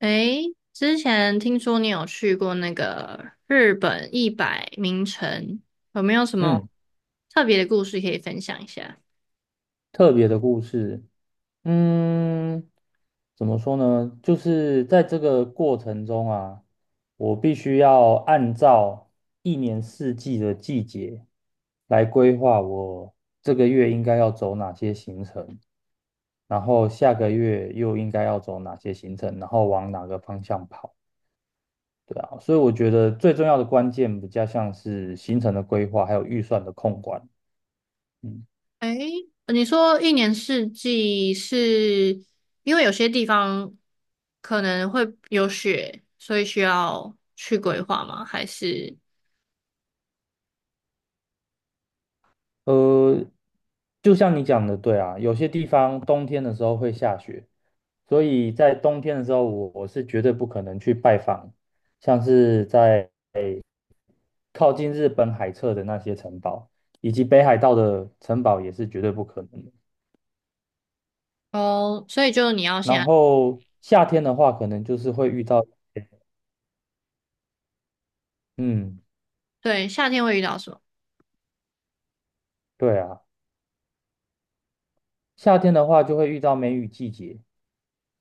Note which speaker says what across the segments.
Speaker 1: 诶，之前听说你有去过那个日本一百名城，有没有什么
Speaker 2: 嗯，
Speaker 1: 特别的故事可以分享一下？
Speaker 2: 特别的故事，嗯，怎么说呢？就是在这个过程中啊，我必须要按照一年四季的季节来规划我这个月应该要走哪些行程，然后下个月又应该要走哪些行程，然后往哪个方向跑。对啊，所以我觉得最重要的关键比较像是行程的规划，还有预算的控管。嗯。
Speaker 1: 诶，你说一年四季是因为有些地方可能会有雪，所以需要去规划吗？还是
Speaker 2: 呃，就像你讲的，对啊，有些地方冬天的时候会下雪，所以在冬天的时候，我是绝对不可能去拜访，像是在靠近日本海侧的那些城堡，以及北海道的城堡也是绝对不可能的。
Speaker 1: 哦，所以就你要
Speaker 2: 然
Speaker 1: 先
Speaker 2: 后夏天的话，可能就是会遇到，嗯，
Speaker 1: 对夏天会遇到什么？
Speaker 2: 对啊，夏天的话就会遇到梅雨季节。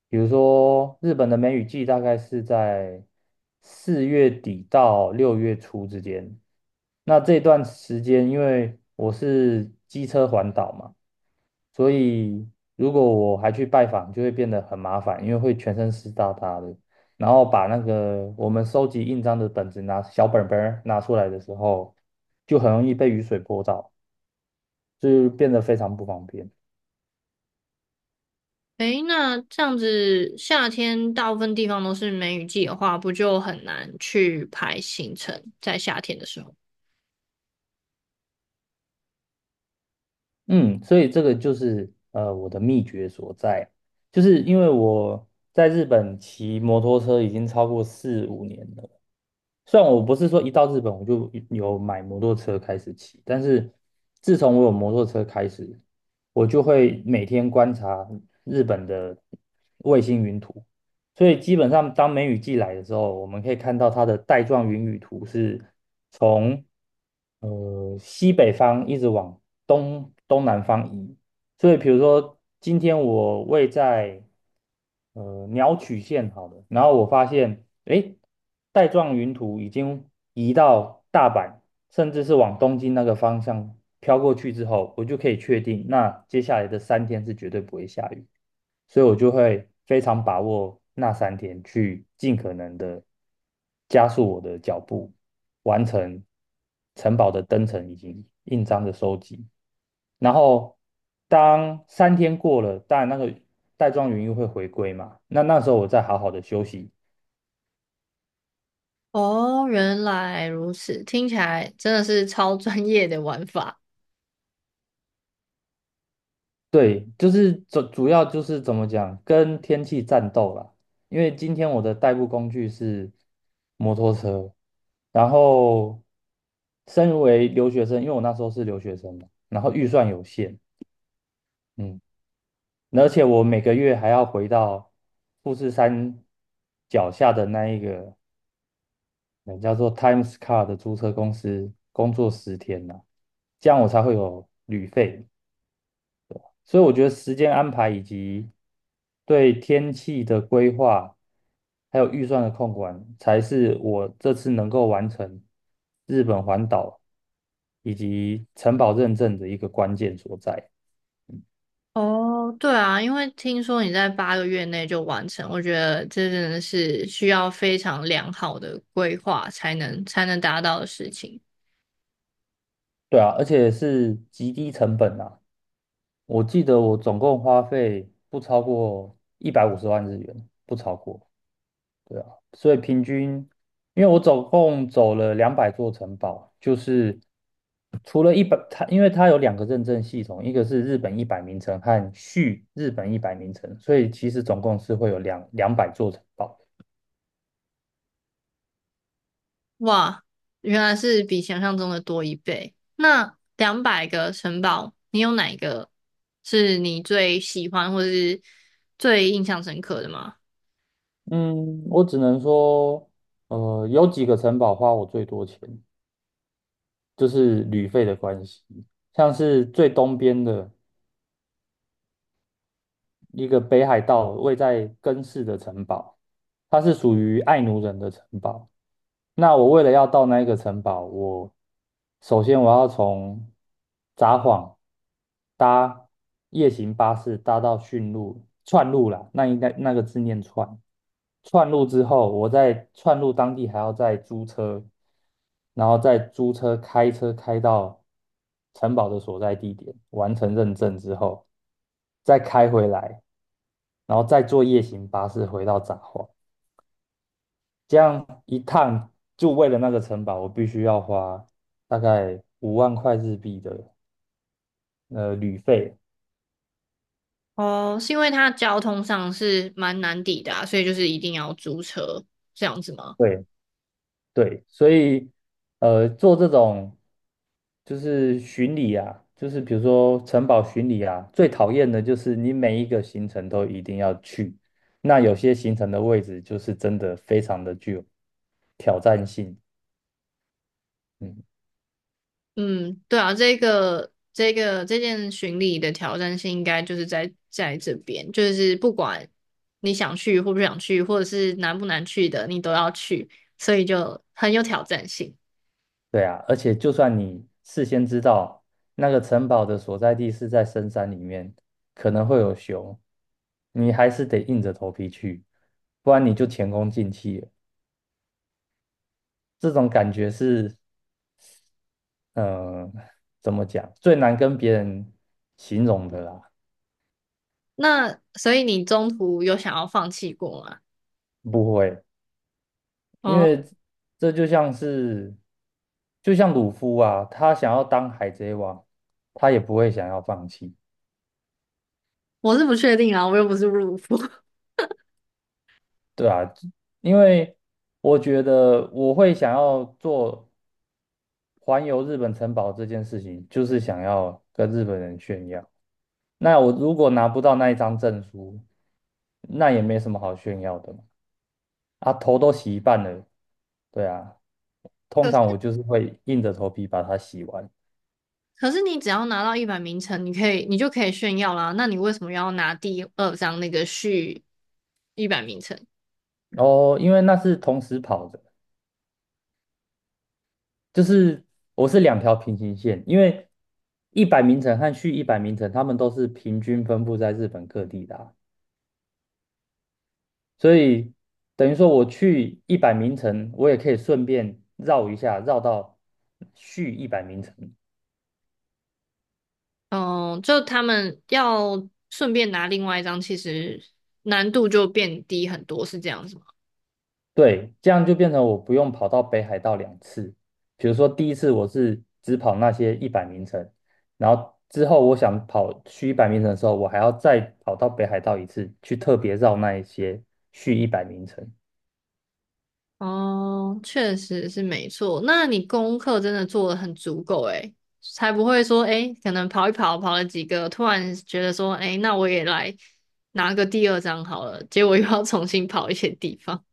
Speaker 2: 比如说，日本的梅雨季大概是在4月底到6月初之间。那这段时间，因为我是机车环岛嘛，所以如果我还去拜访，就会变得很麻烦，因为会全身湿哒哒的。然后把那个我们收集印章的本子拿小本本儿拿出来的时候，就很容易被雨水泼到，就变得非常不方便。
Speaker 1: 诶，那这样子，夏天大部分地方都是梅雨季的话，不就很难去排行程？在夏天的时候。
Speaker 2: 嗯，所以这个就是我的秘诀所在，就是因为我在日本骑摩托车已经超过4、5年了。虽然我不是说一到日本我就有买摩托车开始骑，但是自从我有摩托车开始，我就会每天观察日本的卫星云图。所以基本上当梅雨季来的时候，我们可以看到它的带状云雨图是从西北方一直往东南方移。所以比如说今天我位在鸟取县好了，然后我发现，诶，带状云图已经移到大阪，甚至是往东京那个方向飘过去之后，我就可以确定，那接下来的三天是绝对不会下雨。所以我就会非常把握那三天，去尽可能的加速我的脚步，完成城堡的登城以及印章的收集。然后当三天过了，当然那个带状元又会回归嘛。那时候我再好好的休息。
Speaker 1: 哦，原来如此，听起来真的是超专业的玩法。
Speaker 2: 对，就是主要就是怎么讲，跟天气战斗啦。因为今天我的代步工具是摩托车，然后身为留学生，因为我那时候是留学生嘛，然后预算有限，嗯，而且我每个月还要回到富士山脚下的那一个人叫做 Times Car 的租车公司工作10天呐、这样我才会有旅费。所以我觉得时间安排以及对天气的规划，还有预算的控管，才是我这次能够完成日本环岛以及城堡认证的一个关键所在。
Speaker 1: 哦，对啊，因为听说你在八个月内就完成，我觉得这真的是需要非常良好的规划才能达到的事情。
Speaker 2: 对啊，而且是极低成本啊。我记得我总共花费不超过150万日元，不超过。对啊，所以平均，因为我总共走了两百座城堡，就是除了一百，它因为它有两个认证系统，一个是日本一百名城和续日本一百名城，所以其实总共是会有两百座城堡。
Speaker 1: 哇，原来是比想象中的多一倍。那200个城堡，你有哪一个是你最喜欢或者是最印象深刻的吗？
Speaker 2: 嗯，我只能说，有几个城堡花我最多钱，就是旅费的关系，像是最东边的一个北海道位在根室的城堡，它是属于爱奴人的城堡。那我为了要到那一个城堡，我首先我要从札幌搭夜行巴士搭到驯鹿串路啦，那应该那个字念串。串路之后，我在串路当地还要再租车，然后再租车开车开到城堡的所在地点，完成认证之后，再开回来，然后再坐夜行巴士回到札幌。这样一趟就为了那个城堡，我必须要花大概5万块日币的旅费。
Speaker 1: 哦，是因为它交通上是蛮难抵达，所以就是一定要租车这样子吗？
Speaker 2: 对对，所以做这种就是巡礼啊，就是比如说城堡巡礼啊，最讨厌的就是你每一个行程都一定要去，那有些行程的位置就是真的非常的具有挑战性。嗯。
Speaker 1: 嗯，对啊，这件巡礼的挑战性应该就是在这边，就是不管你想去或不想去，或者是难不难去的，你都要去，所以就很有挑战性。
Speaker 2: 对啊，而且就算你事先知道那个城堡的所在地是在深山里面，可能会有熊，你还是得硬着头皮去，不然你就前功尽弃了。这种感觉是，嗯、怎么讲，最难跟别人形容的啦。
Speaker 1: 那所以你中途有想要放弃过吗？
Speaker 2: 不会，因
Speaker 1: 哦，
Speaker 2: 为这就像是，就像鲁夫啊，他想要当海贼王，他也不会想要放弃。
Speaker 1: 我是不确定啊，我又不是入伍。
Speaker 2: 对啊，因为我觉得我会想要做环游日本城堡这件事情，就是想要跟日本人炫耀。那我如果拿不到那一张证书，那也没什么好炫耀的嘛。啊，头都洗一半了，对啊。通常
Speaker 1: 可
Speaker 2: 我就是会硬着头皮把它洗完。
Speaker 1: 可是你只要拿到一百名称，你就可以炫耀啦。那你为什么要拿第二张那个序一百名称？
Speaker 2: 哦，因为那是同时跑的。就是我是两条平行线，因为一百名城和续一百名城，他们都是平均分布在日本各地的啊，所以等于说我去一百名城，我也可以顺便绕一下，绕到续一百名城。
Speaker 1: 嗯，就他们要顺便拿另外一张，其实难度就变低很多，是这样子吗。
Speaker 2: 对，这样就变成我不用跑到北海道2次。比如说第一次我是只跑那些一百名城，然后之后我想跑续一百名城的时候，我还要再跑到北海道一次，去特别绕那一些续一百名城。
Speaker 1: 哦，确实是没错。那你功课真的做的很足够诶，才不会说诶，可能跑一跑，跑了几个，突然觉得说诶，那我也来拿个第二张好了，结果又要重新跑一些地方。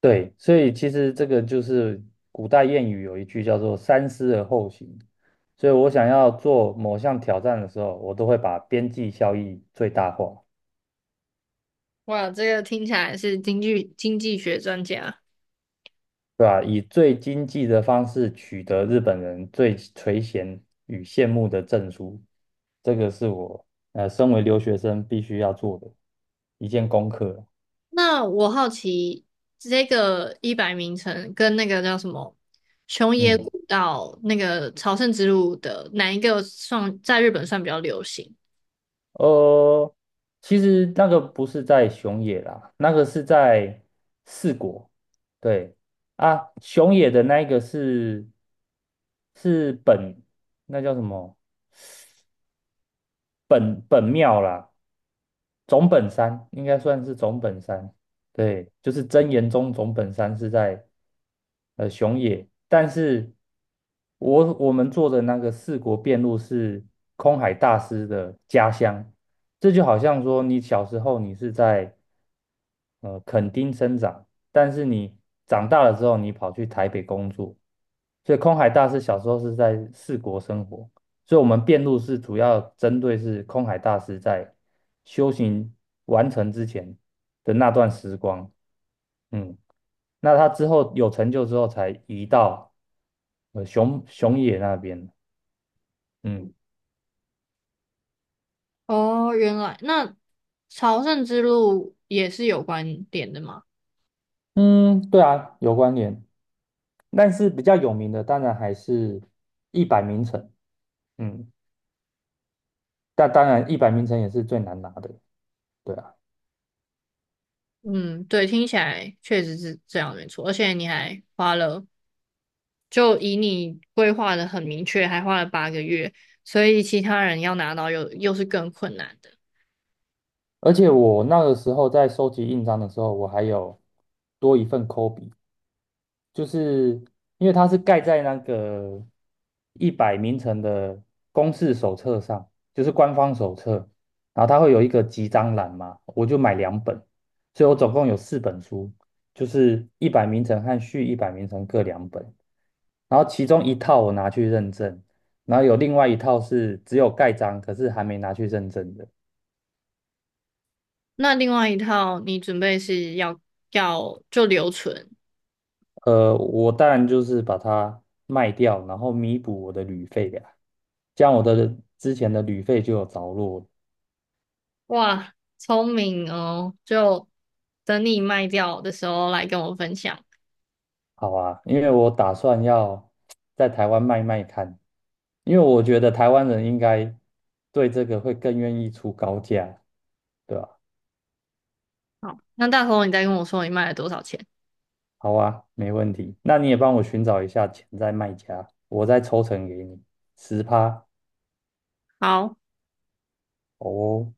Speaker 2: 对，所以其实这个就是古代谚语有一句叫做“三思而后行”。所以我想要做某项挑战的时候，我都会把边际效益最大化，
Speaker 1: 哇，这个听起来是经济学专家。
Speaker 2: 对吧？以最经济的方式取得日本人最垂涎与羡慕的证书，这个是我身为留学生必须要做的一件功课。
Speaker 1: 那我好奇，这个一百名城跟那个叫什么熊野
Speaker 2: 嗯。
Speaker 1: 古道那个朝圣之路的哪一个算在日本算比较流行？
Speaker 2: 呃，其实那个不是在熊野啦，那个是在四国。对啊，熊野的那一个是本，那叫什么？本本庙啦。总本山应该算是总本山。对，就是真言宗总本山是在熊野，但是我们做的那个四国遍路是空海大师的家乡。这就好像说你小时候你是在垦丁生长，但是你长大了之后你跑去台北工作。所以空海大师小时候是在四国生活，所以我们辩论是主要针对是空海大师在修行完成之前的那段时光。嗯，那他之后有成就之后，才移到熊野那边。嗯
Speaker 1: 哦，原来那朝圣之路也是有关点的嘛？
Speaker 2: 嗯，对啊，有关联，但是比较有名的当然还是一百名城。嗯，但当然一百名城也是最难拿的。对啊。
Speaker 1: 嗯，对，听起来确实是这样没错，而且你还花了，就以你规划的很明确，还花了八个月，所以其他人要拿到又是更困难的。
Speaker 2: 而且我那个时候在收集印章的时候，我还有多一份抠笔，就是因为它是盖在那个一百名城的公示手册上，就是官方手册。然后它会有一个集章栏嘛，我就买两本，所以我总共有4本书，就是一百名城和续一百名城各两本。然后其中一套我拿去认证，然后有另外一套是只有盖章，可是还没拿去认证的。
Speaker 1: 那另外一套你准备是要就留存，
Speaker 2: 我当然就是把它卖掉，然后弥补我的旅费呀、这样我的之前的旅费就有着落了。
Speaker 1: 哇，聪明哦，就等你卖掉的时候来跟我分享。
Speaker 2: 好啊，因为我打算要在台湾卖卖看，因为我觉得台湾人应该对这个会更愿意出高价，对吧？
Speaker 1: 好，那到时候你再跟我说你卖了多少钱。
Speaker 2: 好啊，没问题。那你也帮我寻找一下潜在卖家，我再抽成给你10趴
Speaker 1: 好。
Speaker 2: 哦。